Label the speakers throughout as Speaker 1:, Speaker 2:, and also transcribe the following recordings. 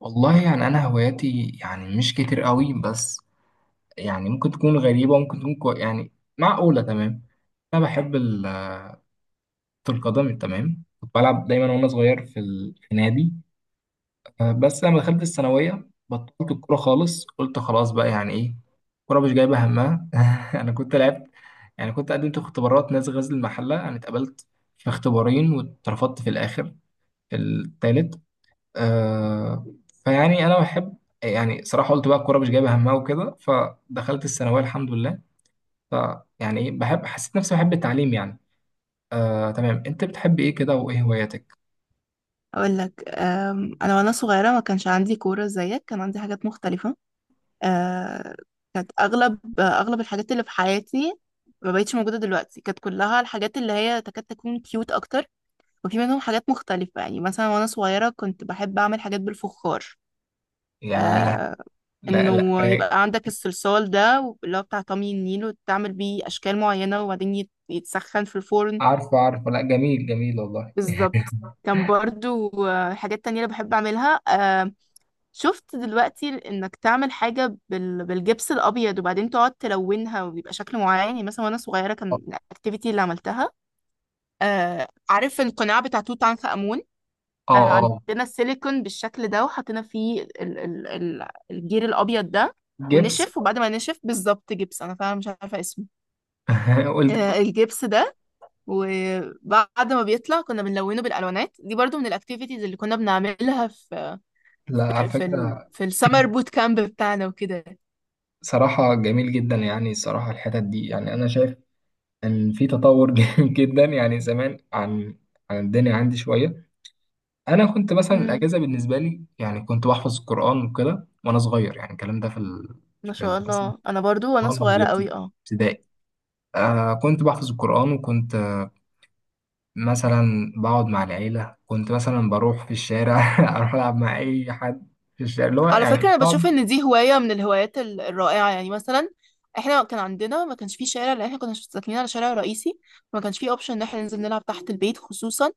Speaker 1: والله يعني انا هواياتي يعني مش كتير قوي، بس يعني ممكن تكون غريبه، ممكن تكون يعني معقوله. تمام، انا بحب كرة القدم. تمام، كنت بلعب دايما وانا صغير في نادي. آه، بس لما دخلت الثانويه بطلت الكوره خالص، قلت خلاص بقى يعني ايه، الكوره مش جايبه همها. انا كنت لعبت، يعني كنت قدمت في اختبارات نادي غزل المحله. انا اتقبلت في اختبارين واترفضت في الاخر، في الثالث. آه، فيعني انا بحب، يعني صراحه قلت بقى الكوره مش جايبه همها وكده، فدخلت الثانويه الحمد لله. فيعني ايه، بحب، حسيت نفسي بحب التعليم يعني. آه تمام، انت بتحب ايه كده وايه هواياتك؟
Speaker 2: اقول لك انا وانا صغيره ما كانش عندي كوره زيك، كان عندي حاجات مختلفه. أه، كانت اغلب الحاجات اللي في حياتي ما بقتش موجوده دلوقتي، كانت كلها الحاجات اللي هي تكاد تكون كيوت اكتر. وفي منهم حاجات مختلفه، يعني مثلا وانا صغيره كنت بحب اعمل حاجات بالفخار.
Speaker 1: ياه.
Speaker 2: أه،
Speaker 1: لا
Speaker 2: انه
Speaker 1: رايق.
Speaker 2: يبقى عندك الصلصال ده اللي هو بتاع طمي النيل، وتعمل بيه اشكال معينه وبعدين يتسخن في الفرن
Speaker 1: عارفه عارفه، لا جميل جميل والله.
Speaker 2: بالظبط. كان برضو حاجات تانية اللي بحب أعملها. شفت دلوقتي انك تعمل حاجة بالجبس الابيض وبعدين تقعد تلونها ويبقى شكل معين. يعني مثلا وانا صغيرة كان الاكتيفيتي اللي عملتها، عارف القناع بتاع توت عنخ آمون،
Speaker 1: اه
Speaker 2: كان
Speaker 1: اه.
Speaker 2: عندنا السيليكون بالشكل ده وحطينا فيه الجير الابيض ده،
Speaker 1: جبس.
Speaker 2: ونشف وبعد ما نشف بالظبط. جبس، انا فعلا مش عارفة اسمه.
Speaker 1: قلت
Speaker 2: الجبس ده، وبعد ما بيطلع كنا بنلونه بالالوانات دي، برضو من الاكتيفيتيز اللي كنا بنعملها في
Speaker 1: لا، على فكره.
Speaker 2: في السمر بوت كامب بتاعنا وكده.
Speaker 1: صراحة جميل جدا يعني، صراحة الحتت دي يعني أنا شايف إن في تطور جدا يعني زمان، عن الدنيا عندي شوية. انا كنت مثلا
Speaker 2: مم.
Speaker 1: الاجازه بالنسبه لي يعني كنت بحفظ القران وكده وانا صغير، يعني الكلام ده
Speaker 2: ما شاء
Speaker 1: مثلا
Speaker 2: الله، انا برضو وانا
Speaker 1: وأنا في
Speaker 2: صغيره قوي اه.
Speaker 1: الابتدائي. آه، كنت بحفظ القران وكنت مثلا بقعد مع العيله، كنت مثلا بروح في الشارع اروح العب مع اي حد في الشارع، اللي هو
Speaker 2: على فكره
Speaker 1: يعني
Speaker 2: انا
Speaker 1: صعب.
Speaker 2: بشوف ان دي هوايه من الهوايات الرائعه. يعني مثلا احنا كان عندنا، ما كانش فيه شارع لان احنا كنا ساكنين على شارع رئيسي، ما كانش فيه اوبشن ان احنا ننزل نلعب تحت البيت، خصوصا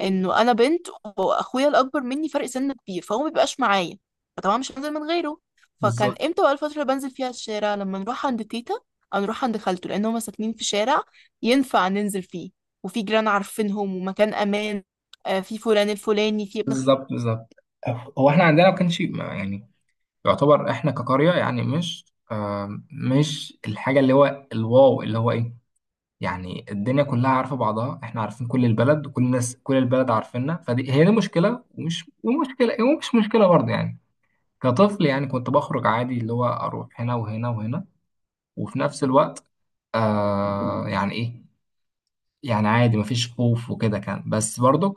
Speaker 2: انه انا بنت واخويا الاكبر مني فرق سن كبير فهو ما بيبقاش معايا، فطبعا مش هنزل من غيره. فكان
Speaker 1: بالظبط
Speaker 2: امتى بقى الفتره اللي بنزل فيها الشارع؟ لما نروح عند تيتا او نروح عند خالته، لان هما ساكنين في شارع ينفع ننزل فيه وفي جيران عارفينهم ومكان امان. في فلان الفلاني، في ابن.
Speaker 1: بالظبط بالظبط. هو احنا عندنا ما كانش يعني يعتبر احنا كقريه يعني مش، آه مش الحاجه اللي هو الواو اللي هو ايه. يعني الدنيا كلها عارفة بعضها، احنا عارفين كل البلد وكل الناس، كل البلد عارفيننا، فدي هي دي مشكلة ومش ومشكلة ومش مشكلة برضه يعني. كطفل يعني كنت بخرج عادي، اللي هو اروح هنا وهنا وهنا، وفي نفس الوقت آه يعني ايه، يعني عادي مفيش خوف وكده، كان بس برضك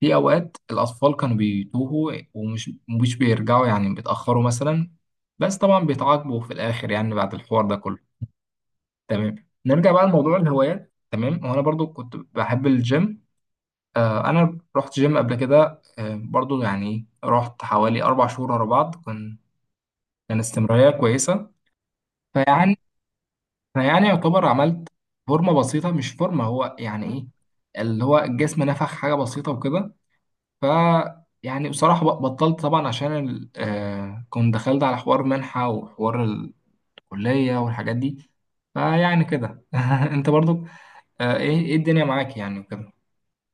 Speaker 1: في اوقات الاطفال كانوا بيتوهوا ومش مش بيرجعوا، يعني بيتاخروا مثلا، بس طبعا بيتعاقبوا في الاخر يعني بعد الحوار ده كله. تمام، نرجع بقى لموضوع الهوايات. تمام، وانا برضو كنت بحب الجيم. آه، انا رحت جيم قبل كده، آه، برضو يعني رحت حوالي اربع شهور ورا بعض، كان استمراريه كويسه. فيعني انا يعني يعتبر عملت فورمه بسيطه، مش فورمه، هو يعني ايه، اللي هو الجسم نفخ حاجه بسيطه وكده. ف يعني بصراحه بطلت طبعا عشان آه، كنت دخلت على حوار منحه وحوار الكليه والحاجات دي. فيعني كده انت برضو آه، ايه ايه الدنيا معاك يعني وكده.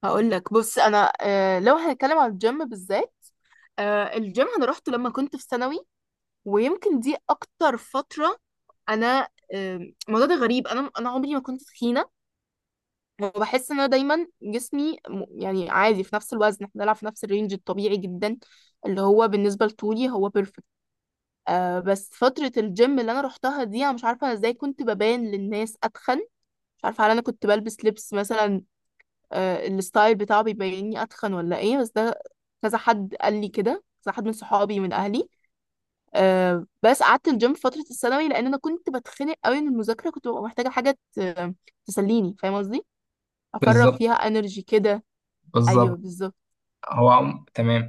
Speaker 2: هقول لك بص، انا لو هنتكلم عن الجيم بالذات، الجيم انا روحته لما كنت في ثانوي، ويمكن دي اكتر فتره انا الموضوع ده غريب. انا عمري ما كنت تخينه، وبحس ان انا دايما جسمي يعني عادي في نفس الوزن، احنا بنلعب في نفس الرينج الطبيعي جدا اللي هو بالنسبه لطولي هو بيرفكت. آه بس فتره الجيم اللي انا روحتها دي، انا مش عارفه ازاي كنت ببان للناس اتخن. مش عارفه هل انا كنت بلبس لبس مثلا، الستايل بتاعه بيبيني اتخن ولا ايه، بس ده كذا حد قال لي كده، كذا حد من صحابي من اهلي. بس قعدت الجيم في فترة الثانوي لأن أنا كنت بتخنق قوي من المذاكرة، كنت ببقى محتاجة حاجة تسليني، فاهم قصدي؟ أفرغ
Speaker 1: بالظبط
Speaker 2: فيها انرجي كده. أيوه
Speaker 1: بالظبط.
Speaker 2: بالظبط.
Speaker 1: هو تمام.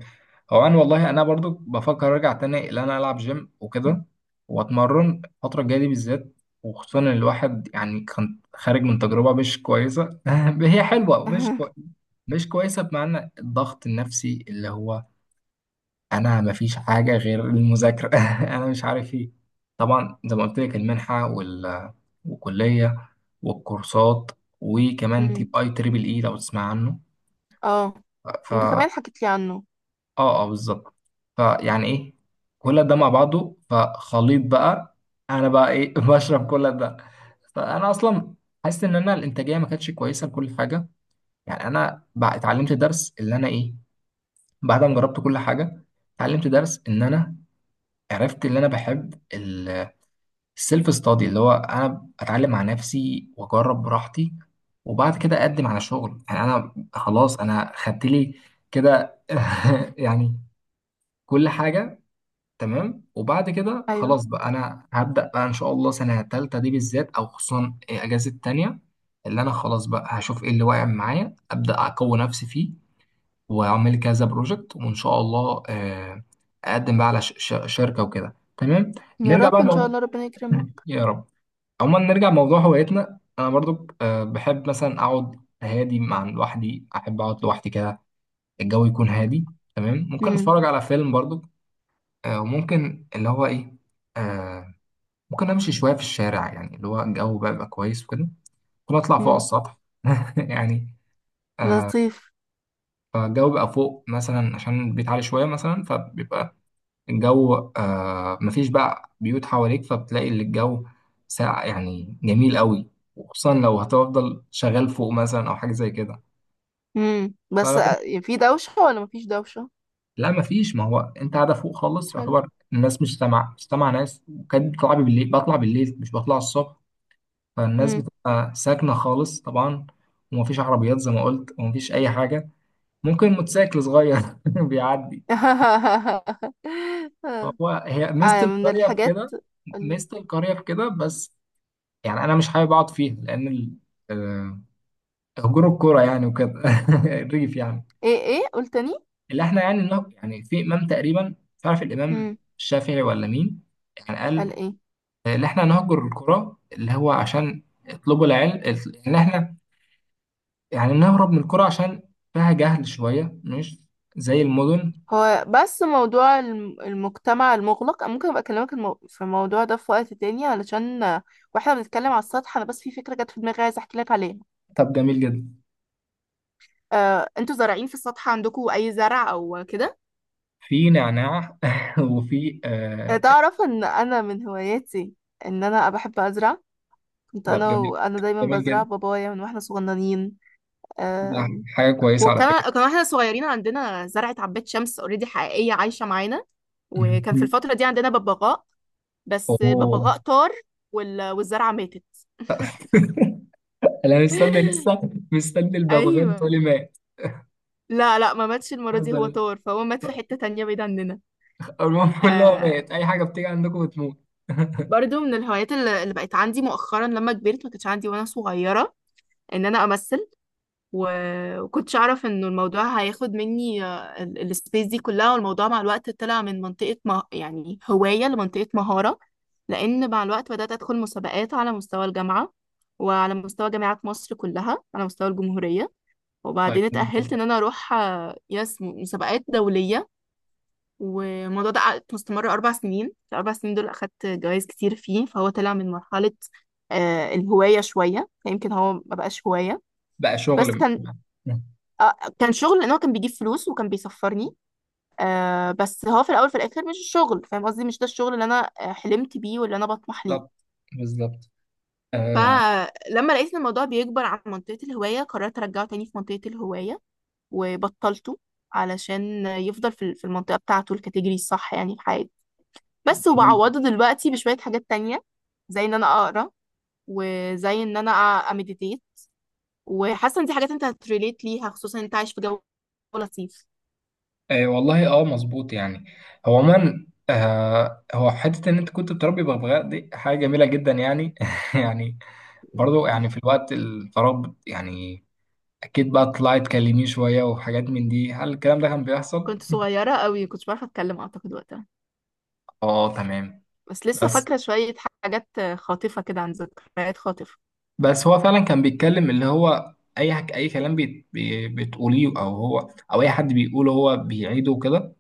Speaker 1: هو انا والله انا برضو بفكر ارجع تاني ان انا العب جيم وكده، واتمرن الفتره الجايه دي بالذات، وخصوصا ان الواحد يعني كان خارج من تجربه مش كويسه هي حلوه مش مش كويسه، بمعنى الضغط النفسي اللي هو انا مفيش حاجه غير المذاكره انا مش عارف ايه. طبعا زي ما قلت لك المنحه والكليه والكورسات، وكمان تيب
Speaker 2: مم.
Speaker 1: اي تريبل اي لو تسمع عنه.
Speaker 2: اه، أنت كمان حكيت لي عنه.
Speaker 1: اه اه بالظبط. فيعني ايه كل ده مع بعضه فخليط بقى، انا بقى ايه بشرب كل ده. فانا اصلا حاسس ان انا الانتاجيه ما كانتش كويسه لكل حاجه. يعني انا بقى اتعلمت درس اللي انا ايه، بعد ما جربت كل حاجه اتعلمت درس ان انا عرفت اللي انا بحب، السيلف ستادي، اللي هو انا اتعلم مع نفسي واجرب براحتي، وبعد كده اقدم على شغل. يعني انا خلاص انا خدت لي كده يعني كل حاجه. تمام وبعد كده
Speaker 2: أيوه،
Speaker 1: خلاص بقى انا هبدأ بقى ان شاء الله سنة تالتة دي بالذات او خصوصا اجازة تانية، اللي انا خلاص بقى هشوف ايه اللي واقع معايا، أبدأ اقوي نفسي فيه، واعمل كذا بروجكت، وان شاء الله آه، اقدم بقى على شركة وكده تمام.
Speaker 2: يا
Speaker 1: نرجع
Speaker 2: رب
Speaker 1: بقى
Speaker 2: إن شاء
Speaker 1: الموضوع.
Speaker 2: الله ربنا يكرمك.
Speaker 1: يا رب. عموما نرجع لموضوع هوايتنا. انا برضو آه، بحب مثلا اقعد هادي مع لوحدي، احب اقعد لوحدي كده، الجو يكون هادي. تمام ممكن
Speaker 2: مم.
Speaker 1: اتفرج على فيلم برضو، آه، وممكن اللي هو ايه، آه ممكن امشي شويه في الشارع يعني اللي هو الجو بقى بيبقى كويس وكده، ممكن اطلع فوق على
Speaker 2: مم.
Speaker 1: السطح يعني.
Speaker 2: لطيف.
Speaker 1: فالجو بقى فوق مثلا عشان البيت عالي شويه مثلا، فبيبقى الجو آه، مفيش بقى بيوت حواليك فبتلاقي اللي الجو ساقع يعني جميل قوي، وخصوصا لو هتفضل شغال فوق مثلا او حاجه زي كده.
Speaker 2: مم. بس
Speaker 1: ف
Speaker 2: في دوشة ولا مفيش دوشة؟
Speaker 1: لا مفيش، ما هو انت قاعده فوق خالص
Speaker 2: حلو.
Speaker 1: يعتبر الناس مش سامعه، ناس، وكانت بتطلع بالليل بطلع بالليل مش بطلع الصبح. فالناس بتبقى ساكنة خالص طبعا، ومفيش عربيات زي ما قلت، ومفيش أي حاجة، ممكن موتوسيكل صغير بيعدي. فهو هي ميزة
Speaker 2: من
Speaker 1: القرية في
Speaker 2: الحاجات،
Speaker 1: كده.
Speaker 2: قال لي
Speaker 1: ميزة القرية في كده بس. يعني أنا مش حابب أقعد فيها لأن آه، هجور الكورة يعني وكده الريف يعني.
Speaker 2: ايه؟ ايه قلت تاني؟
Speaker 1: اللي احنا يعني إنه يعني في إمام تقريبا مش عارف الإمام
Speaker 2: امم،
Speaker 1: الشافعي ولا مين، يعني قال
Speaker 2: قال ايه؟
Speaker 1: آه، اللي احنا نهجر الكرة اللي هو عشان اطلبوا العلم، اللي احنا يعني نهرب من القرى عشان فيها جهل شوية مش زي المدن.
Speaker 2: هو بس موضوع المجتمع المغلق، أنا ممكن ابقى اكلمك في الموضوع ده في وقت تاني، علشان واحنا بنتكلم على السطح انا بس في فكرة جت في دماغي عايزة احكي لك عليها.
Speaker 1: طب جميل جدا.
Speaker 2: انتوا زارعين في السطح عندكم اي زرع او كده؟
Speaker 1: في نعناع وفي آه.
Speaker 2: تعرف ان انا من هواياتي ان انا بحب ازرع؟ كنت
Speaker 1: طب
Speaker 2: انا
Speaker 1: جميل
Speaker 2: وانا دايما
Speaker 1: جميل
Speaker 2: بزرع
Speaker 1: جدا.
Speaker 2: بابايا من واحنا صغننين.
Speaker 1: ده
Speaker 2: آه،
Speaker 1: حاجة كويسة على فكرة.
Speaker 2: وكان واحنا صغيرين عندنا زرعة عباد شمس اوريدي حقيقية عايشة معانا. وكان في الفترة دي عندنا ببغاء، بس
Speaker 1: أوه.
Speaker 2: الببغاء طار والزرعة ماتت.
Speaker 1: أنا مستني لسه، مستني الببغان تقولي
Speaker 2: ايوه،
Speaker 1: مات.
Speaker 2: لا لا ما ماتش المرة
Speaker 1: الحمد
Speaker 2: دي، هو
Speaker 1: لله.
Speaker 2: طار فهو مات في حتة تانية بعيد عننا.
Speaker 1: المهم اللي هو
Speaker 2: آه
Speaker 1: مات، أي حاجة بتيجي عندكم بتموت.
Speaker 2: برضو من الهوايات اللي بقت عندي مؤخرا لما كبرت، ما كانتش عندي وانا صغيرة، ان انا امثل. وكنتش اعرف انه الموضوع هياخد مني السبيس دي كلها. والموضوع مع الوقت طلع من منطقة يعني هواية لمنطقة مهارة، لان مع الوقت بدأت ادخل مسابقات على مستوى الجامعة، وعلى مستوى جامعات مصر كلها، على مستوى الجمهورية.
Speaker 1: طيب
Speaker 2: وبعدين
Speaker 1: جميل
Speaker 2: اتأهلت
Speaker 1: جدا.
Speaker 2: ان انا اروح يس مسابقات دولية. والموضوع ده قعد مستمر 4 سنين، في ال 4 سنين دول أخدت جوائز كتير فيه، فهو طلع من مرحلة الهواية شوية. يمكن هو مبقاش هواية،
Speaker 1: بقى
Speaker 2: بس
Speaker 1: شغل
Speaker 2: كان
Speaker 1: م-
Speaker 2: كان شغل، لان هو كان بيجيب فلوس وكان بيسفرني. آه بس هو في الاول في الاخر مش الشغل، فاهم قصدي؟ مش ده الشغل اللي انا حلمت بيه واللي انا بطمح
Speaker 1: بالظبط
Speaker 2: ليه.
Speaker 1: بالظبط. آه
Speaker 2: فلما لقيت ان الموضوع بيكبر عن منطقة الهواية، قررت ارجعه تاني في منطقة الهواية وبطلته، علشان يفضل في المنطقة بتاعته الكاتيجوري الصح يعني في حياتي. بس وبعوضه دلوقتي بشوية حاجات تانية، زي ان انا اقرا، وزي ان انا امديتيت. وحاسة ان دي حاجات انت هتريليت ليها، خصوصا انت عايش في جو لطيف.
Speaker 1: آه والله اه مظبوط يعني. هو عموما آه هو حته ان انت كنت بتربي بغبغاء دي حاجه جميله جدا يعني يعني برضو يعني في الوقت الفراغ يعني اكيد بقى طلعت تكلميه شويه وحاجات من دي. هل الكلام ده كان بيحصل؟
Speaker 2: كنت صغيرة قوي كنتش بعرف اتكلم اعتقد وقتها.
Speaker 1: اه تمام.
Speaker 2: بس لسه
Speaker 1: بس
Speaker 2: فاكرة شوية حاجات خاطفة كده، عن ذكريات خاطفة.
Speaker 1: بس هو فعلا كان بيتكلم اللي هو اي اي كلام بتقوليه او هو او اي حد بيقوله هو بيعيده كده.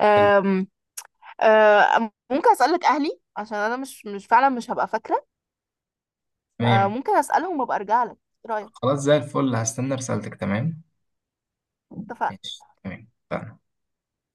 Speaker 2: أم، ممكن اسألك اهلي، عشان انا مش فعلا مش هبقى فاكرة،
Speaker 1: تمام
Speaker 2: فممكن اسألهم وابقى ارجع لك، ايه رأيك؟
Speaker 1: خلاص زي الفل هستنى رسالتك. تمام
Speaker 2: اتفقنا.
Speaker 1: ماشي تمام.